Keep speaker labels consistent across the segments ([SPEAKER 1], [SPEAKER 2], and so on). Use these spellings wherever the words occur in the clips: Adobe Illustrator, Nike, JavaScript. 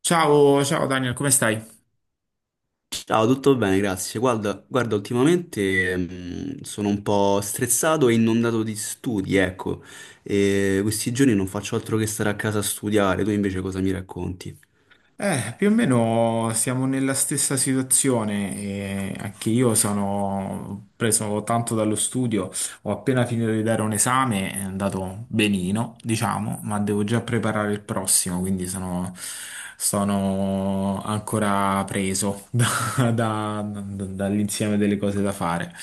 [SPEAKER 1] Ciao, ciao Daniel, come stai?
[SPEAKER 2] Ciao, tutto bene, grazie. Guarda, guarda, ultimamente sono un po' stressato e inondato di studi, ecco. E questi giorni non faccio altro che stare a casa a studiare. Tu invece cosa mi racconti?
[SPEAKER 1] Più o meno siamo nella stessa situazione e anche io sono preso tanto dallo studio, ho appena finito di dare un esame, è andato benino, diciamo, ma devo già preparare il prossimo, quindi sono ancora preso dall'insieme delle cose da fare.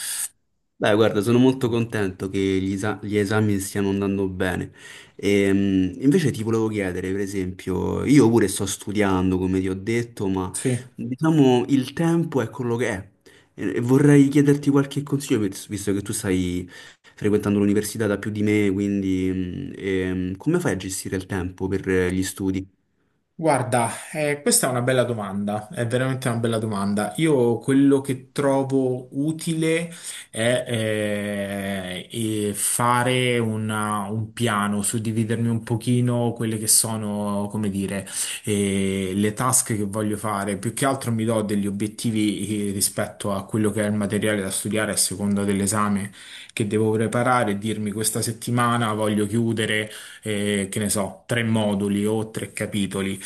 [SPEAKER 2] Beh, guarda, sono molto contento che gli esami stiano andando bene. Invece ti volevo chiedere, per esempio, io pure sto studiando, come ti ho detto, ma
[SPEAKER 1] Sì.
[SPEAKER 2] diciamo il tempo è quello che è. E vorrei chiederti qualche consiglio, visto che tu stai frequentando l'università da più di me, quindi come fai a gestire il tempo per gli studi?
[SPEAKER 1] Guarda, questa è una bella domanda, è veramente una bella domanda. Io quello che trovo utile è fare un piano, suddividermi un pochino quelle che sono, come dire, le task che voglio fare. Più che altro mi do degli obiettivi, rispetto a quello che è il materiale da studiare a seconda dell'esame che devo preparare e dirmi questa settimana voglio chiudere che ne so, tre moduli o tre capitoli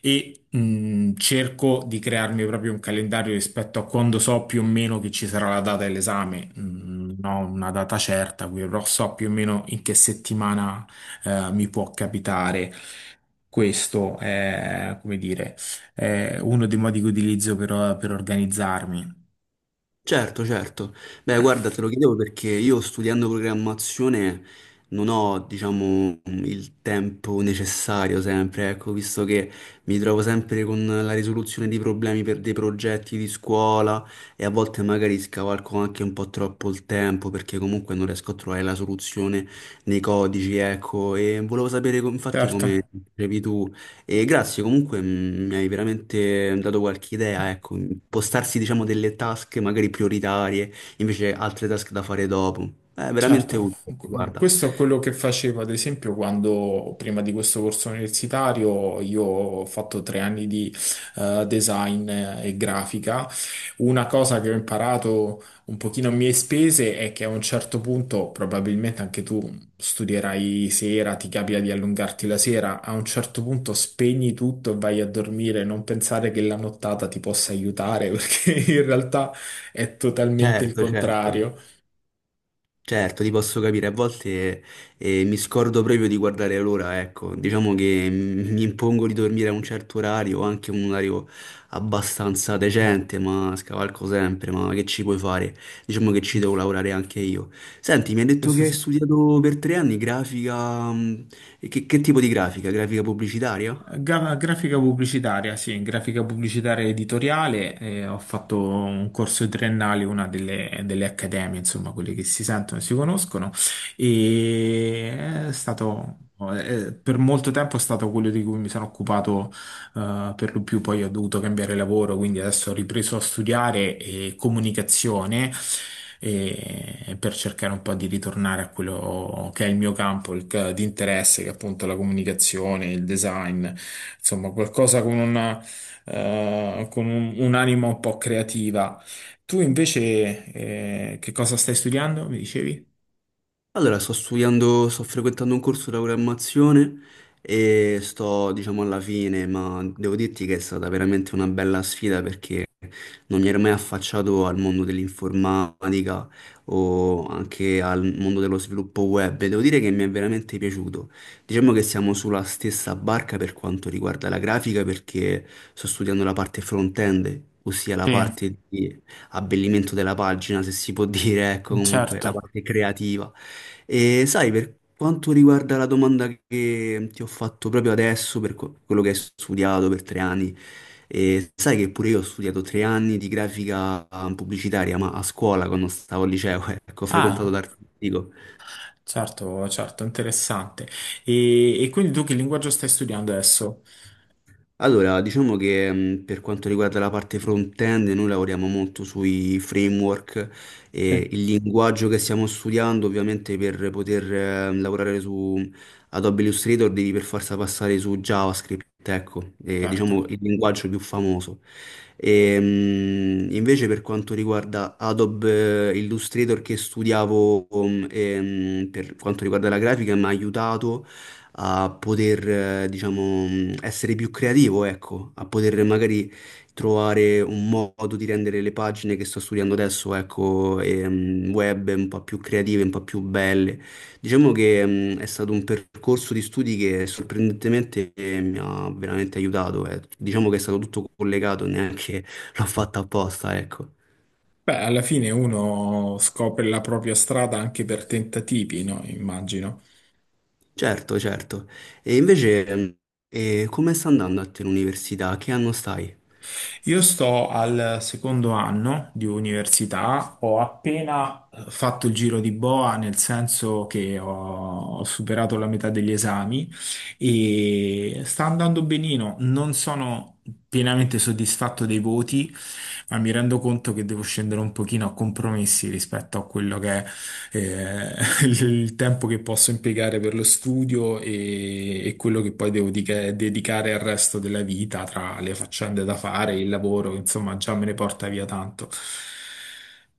[SPEAKER 1] e cerco di crearmi proprio un calendario rispetto a quando so più o meno che ci sarà la data dell'esame. Non ho una data certa, quindi però so più o meno in che settimana mi può capitare. Questo è, come dire, è uno dei modi che utilizzo per organizzarmi.
[SPEAKER 2] Certo, certo. Beh, guarda, te lo chiedevo perché io studiando programmazione non ho, diciamo, il tempo necessario sempre, ecco, visto che mi trovo sempre con la risoluzione di problemi per dei progetti di scuola e a volte magari scavalco anche un po' troppo il tempo perché comunque non riesco a trovare la soluzione nei codici, ecco, e volevo sapere infatti
[SPEAKER 1] Certo.
[SPEAKER 2] come dicevi tu. E grazie, comunque mi hai veramente dato qualche idea, ecco, impostarsi diciamo delle task magari prioritarie, invece altre task da fare dopo. È
[SPEAKER 1] Certo,
[SPEAKER 2] veramente utile, guarda.
[SPEAKER 1] questo è quello che facevo ad esempio quando prima di questo corso universitario io ho fatto 3 anni di design e grafica. Una cosa che ho imparato un pochino a mie spese è che a un certo punto, probabilmente anche tu studierai sera, ti capita di allungarti la sera, a un certo punto spegni tutto e vai a dormire, non pensare che la nottata ti possa aiutare perché in realtà è totalmente il
[SPEAKER 2] Certo, certo.
[SPEAKER 1] contrario.
[SPEAKER 2] Certo, ti posso capire, a volte mi scordo proprio di guardare l'ora, ecco, diciamo che mi impongo di dormire a un certo orario, anche un orario abbastanza decente, ma scavalco sempre, ma che ci puoi fare? Diciamo che ci
[SPEAKER 1] Mm.
[SPEAKER 2] devo lavorare anche io. Senti, mi hai detto
[SPEAKER 1] Questo
[SPEAKER 2] che hai
[SPEAKER 1] sì.
[SPEAKER 2] studiato per 3 anni grafica, e che tipo di grafica? Grafica pubblicitaria?
[SPEAKER 1] Grafica pubblicitaria, sì, grafica pubblicitaria editoriale, ho fatto un corso triennale, una delle, delle accademie, insomma, quelle che si sentono e si conoscono, e è stato, per molto tempo è stato quello di cui mi sono occupato per lo più poi ho dovuto cambiare lavoro, quindi adesso ho ripreso a studiare comunicazione per cercare un po' di ritornare a quello che è il mio campo di interesse, che è appunto la comunicazione, il design, insomma qualcosa con una, con un'anima un po' creativa. Tu invece che cosa stai studiando, mi dicevi?
[SPEAKER 2] Allora, sto studiando, sto frequentando un corso di programmazione e sto, diciamo, alla fine, ma devo dirti che è stata veramente una bella sfida perché non mi ero mai affacciato al mondo dell'informatica o anche al mondo dello sviluppo web e devo dire che mi è veramente piaciuto. Diciamo che siamo sulla stessa barca per quanto riguarda la grafica perché sto studiando la parte front-end, ossia la
[SPEAKER 1] Sì,
[SPEAKER 2] parte di abbellimento della pagina, se si può dire, ecco, comunque la
[SPEAKER 1] certo.
[SPEAKER 2] parte creativa. E sai, per quanto riguarda la domanda che ti ho fatto proprio adesso, per quello che hai studiato per 3 anni, e sai che pure io ho studiato 3 anni di grafica pubblicitaria, ma a scuola quando stavo al liceo, ecco, ho frequentato
[SPEAKER 1] Ah.
[SPEAKER 2] l'artistico.
[SPEAKER 1] Certo, certo, interessante. E quindi tu che linguaggio stai studiando adesso?
[SPEAKER 2] Allora, diciamo che per quanto riguarda la parte front-end, noi lavoriamo molto sui framework e
[SPEAKER 1] Sì.
[SPEAKER 2] il linguaggio che stiamo studiando, ovviamente per poter lavorare su Adobe Illustrator devi per forza passare su JavaScript, ecco,
[SPEAKER 1] Certo.
[SPEAKER 2] diciamo il linguaggio più famoso. E, invece per quanto riguarda Adobe Illustrator che studiavo, per quanto riguarda la grafica, mi ha aiutato a poter, diciamo, essere più creativo, ecco, a poter magari trovare un modo di rendere le pagine che sto studiando adesso, ecco, e, web un po' più creative, un po' più belle. Diciamo che è stato un percorso di studi che sorprendentemente mi ha veramente aiutato, eh. Diciamo che è stato tutto collegato, neanche l'ho fatta apposta, ecco.
[SPEAKER 1] Beh, alla fine uno scopre la propria strada anche per tentativi, no? Immagino.
[SPEAKER 2] Certo, certo. E invece, come sta andando a te l'università? Che anno stai?
[SPEAKER 1] Io sto al secondo anno di università, ho appena fatto il giro di boa, nel senso che ho superato la metà degli esami e sta andando benino. Non sono pienamente soddisfatto dei voti, ma mi rendo conto che devo scendere un pochino a compromessi rispetto a quello che è, eh, il tempo che posso impiegare per lo studio e quello che poi devo dedicare al resto della vita, tra le faccende da fare, il lavoro, insomma, già me ne porta via tanto.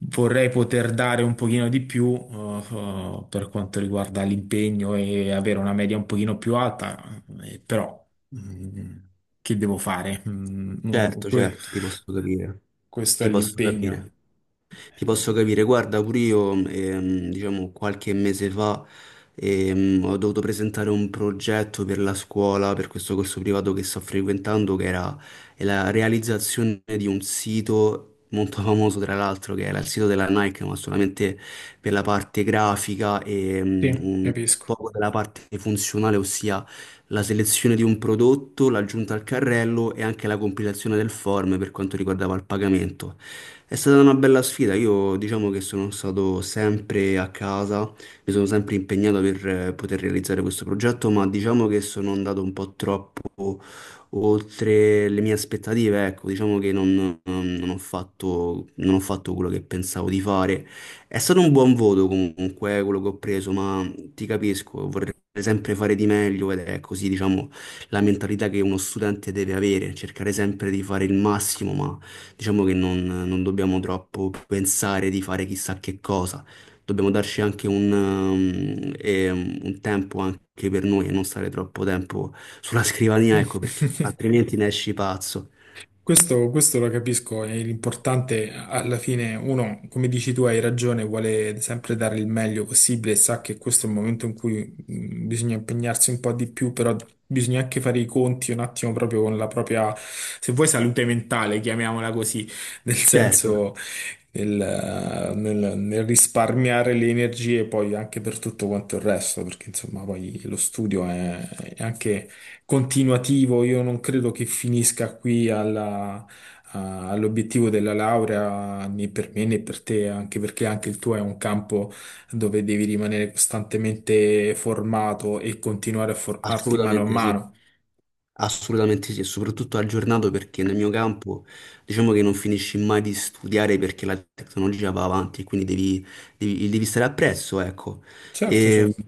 [SPEAKER 1] Vorrei poter dare un pochino di più, per quanto riguarda l'impegno e avere una media un pochino più alta, però, mm, che devo fare? Mm, no,
[SPEAKER 2] Certo, certo, ti posso capire,
[SPEAKER 1] questo è
[SPEAKER 2] ti posso
[SPEAKER 1] l'impegno.
[SPEAKER 2] capire, ti posso capire. Guarda, pure io, diciamo, qualche mese fa ho dovuto presentare un progetto per la scuola, per questo corso privato che sto frequentando, che era è la realizzazione di un sito. Molto famoso tra l'altro che era il sito della Nike, ma solamente per la parte grafica e
[SPEAKER 1] Sì,
[SPEAKER 2] un
[SPEAKER 1] capisco.
[SPEAKER 2] poco della parte funzionale, ossia la selezione di un prodotto, l'aggiunta al carrello e anche la compilazione del form per quanto riguardava il pagamento. È stata una bella sfida, io diciamo che sono stato sempre a casa, mi sono sempre impegnato per poter realizzare questo progetto, ma diciamo che sono andato un po' troppo oltre le mie aspettative, ecco, diciamo che non ho fatto quello che pensavo di fare. È stato un buon voto comunque quello che ho preso, ma ti capisco, vorrei sempre fare di meglio ed è così, diciamo, la mentalità che uno studente deve avere, cercare sempre di fare il massimo. Ma diciamo che non dobbiamo troppo pensare di fare chissà che cosa, dobbiamo darci anche un tempo anche per noi e non stare troppo tempo sulla scrivania, ecco, perché altrimenti ne esci pazzo.
[SPEAKER 1] Questo lo capisco, e l'importante alla fine, uno, come dici tu, hai ragione, vuole sempre dare il meglio possibile, sa che questo è il momento in cui bisogna impegnarsi un po' di più, però bisogna anche fare i conti un attimo proprio con la propria, se vuoi, salute mentale, chiamiamola così, nel
[SPEAKER 2] Certo,
[SPEAKER 1] senso nel risparmiare le energie poi anche per tutto quanto il resto, perché insomma poi lo studio è anche continuativo, io non credo che finisca qui all'obiettivo della laurea né per me né per te, anche perché anche il tuo è un campo dove devi rimanere costantemente formato e continuare a formarti mano a
[SPEAKER 2] assolutamente sì.
[SPEAKER 1] mano.
[SPEAKER 2] Assolutamente sì, e soprattutto aggiornato perché nel mio campo diciamo che non finisci mai di studiare perché la tecnologia va avanti e quindi devi, devi stare appresso, ecco.
[SPEAKER 1] Certo,
[SPEAKER 2] E
[SPEAKER 1] certo.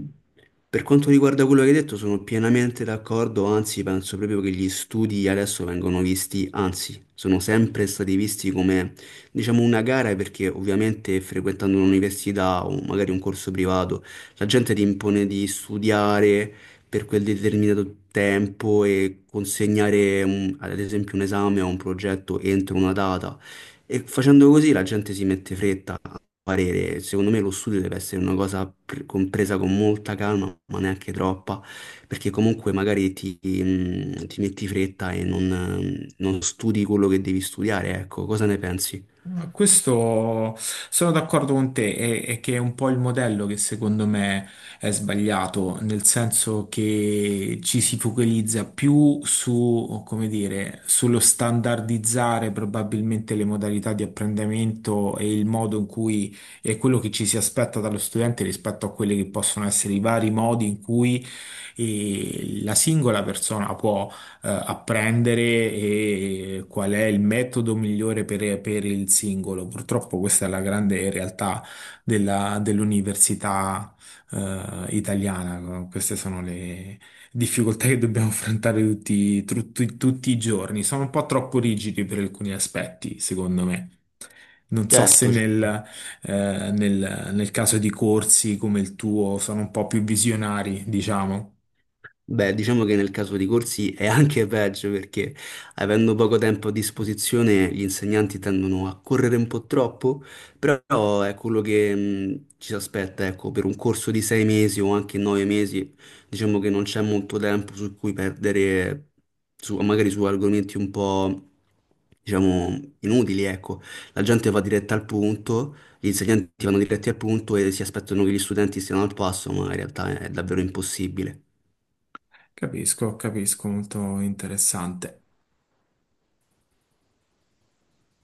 [SPEAKER 2] per quanto riguarda quello che hai detto sono pienamente d'accordo, anzi penso proprio che gli studi adesso vengono visti, anzi sono sempre stati visti come diciamo una gara, perché ovviamente frequentando un'università o magari un corso privato la gente ti impone di studiare per quel determinato tempo e consegnare ad esempio un esame o un progetto entro una data. E facendo così la gente si mette fretta a parere. Secondo me lo studio deve essere una cosa compresa con molta calma, ma neanche troppa, perché comunque magari ti, ti metti fretta e non studi quello che devi studiare, ecco, cosa ne pensi?
[SPEAKER 1] No, questo sono d'accordo con te, è che è un po' il modello che secondo me è sbagliato, nel senso che ci si focalizza più su, come dire, sullo standardizzare probabilmente le modalità di apprendimento e il modo in cui è quello che ci si aspetta dallo studente rispetto a quelli che possono essere i vari modi in cui la singola persona può apprendere e qual è il metodo migliore per il singolo. Purtroppo questa è la grande realtà dell'università italiana. Queste sono le difficoltà che dobbiamo affrontare tutti, tutti tutti i giorni. Sono un po' troppo rigidi per alcuni aspetti, secondo me. Non so se
[SPEAKER 2] Certo,
[SPEAKER 1] nel,
[SPEAKER 2] certo.
[SPEAKER 1] eh, nel nel caso di corsi come il tuo sono un po' più visionari, diciamo.
[SPEAKER 2] Beh, diciamo che nel caso di corsi è anche peggio perché avendo poco tempo a disposizione gli insegnanti tendono a correre un po' troppo, però è quello che ci si aspetta, ecco, per un corso di 6 mesi o anche 9 mesi, diciamo che non c'è molto tempo su cui perdere, su- magari su argomenti un po', diciamo, inutili, ecco. La gente va diretta al punto, gli insegnanti vanno diretti al punto e si aspettano che gli studenti siano al passo, ma in realtà è davvero impossibile.
[SPEAKER 1] Capisco, capisco, molto interessante.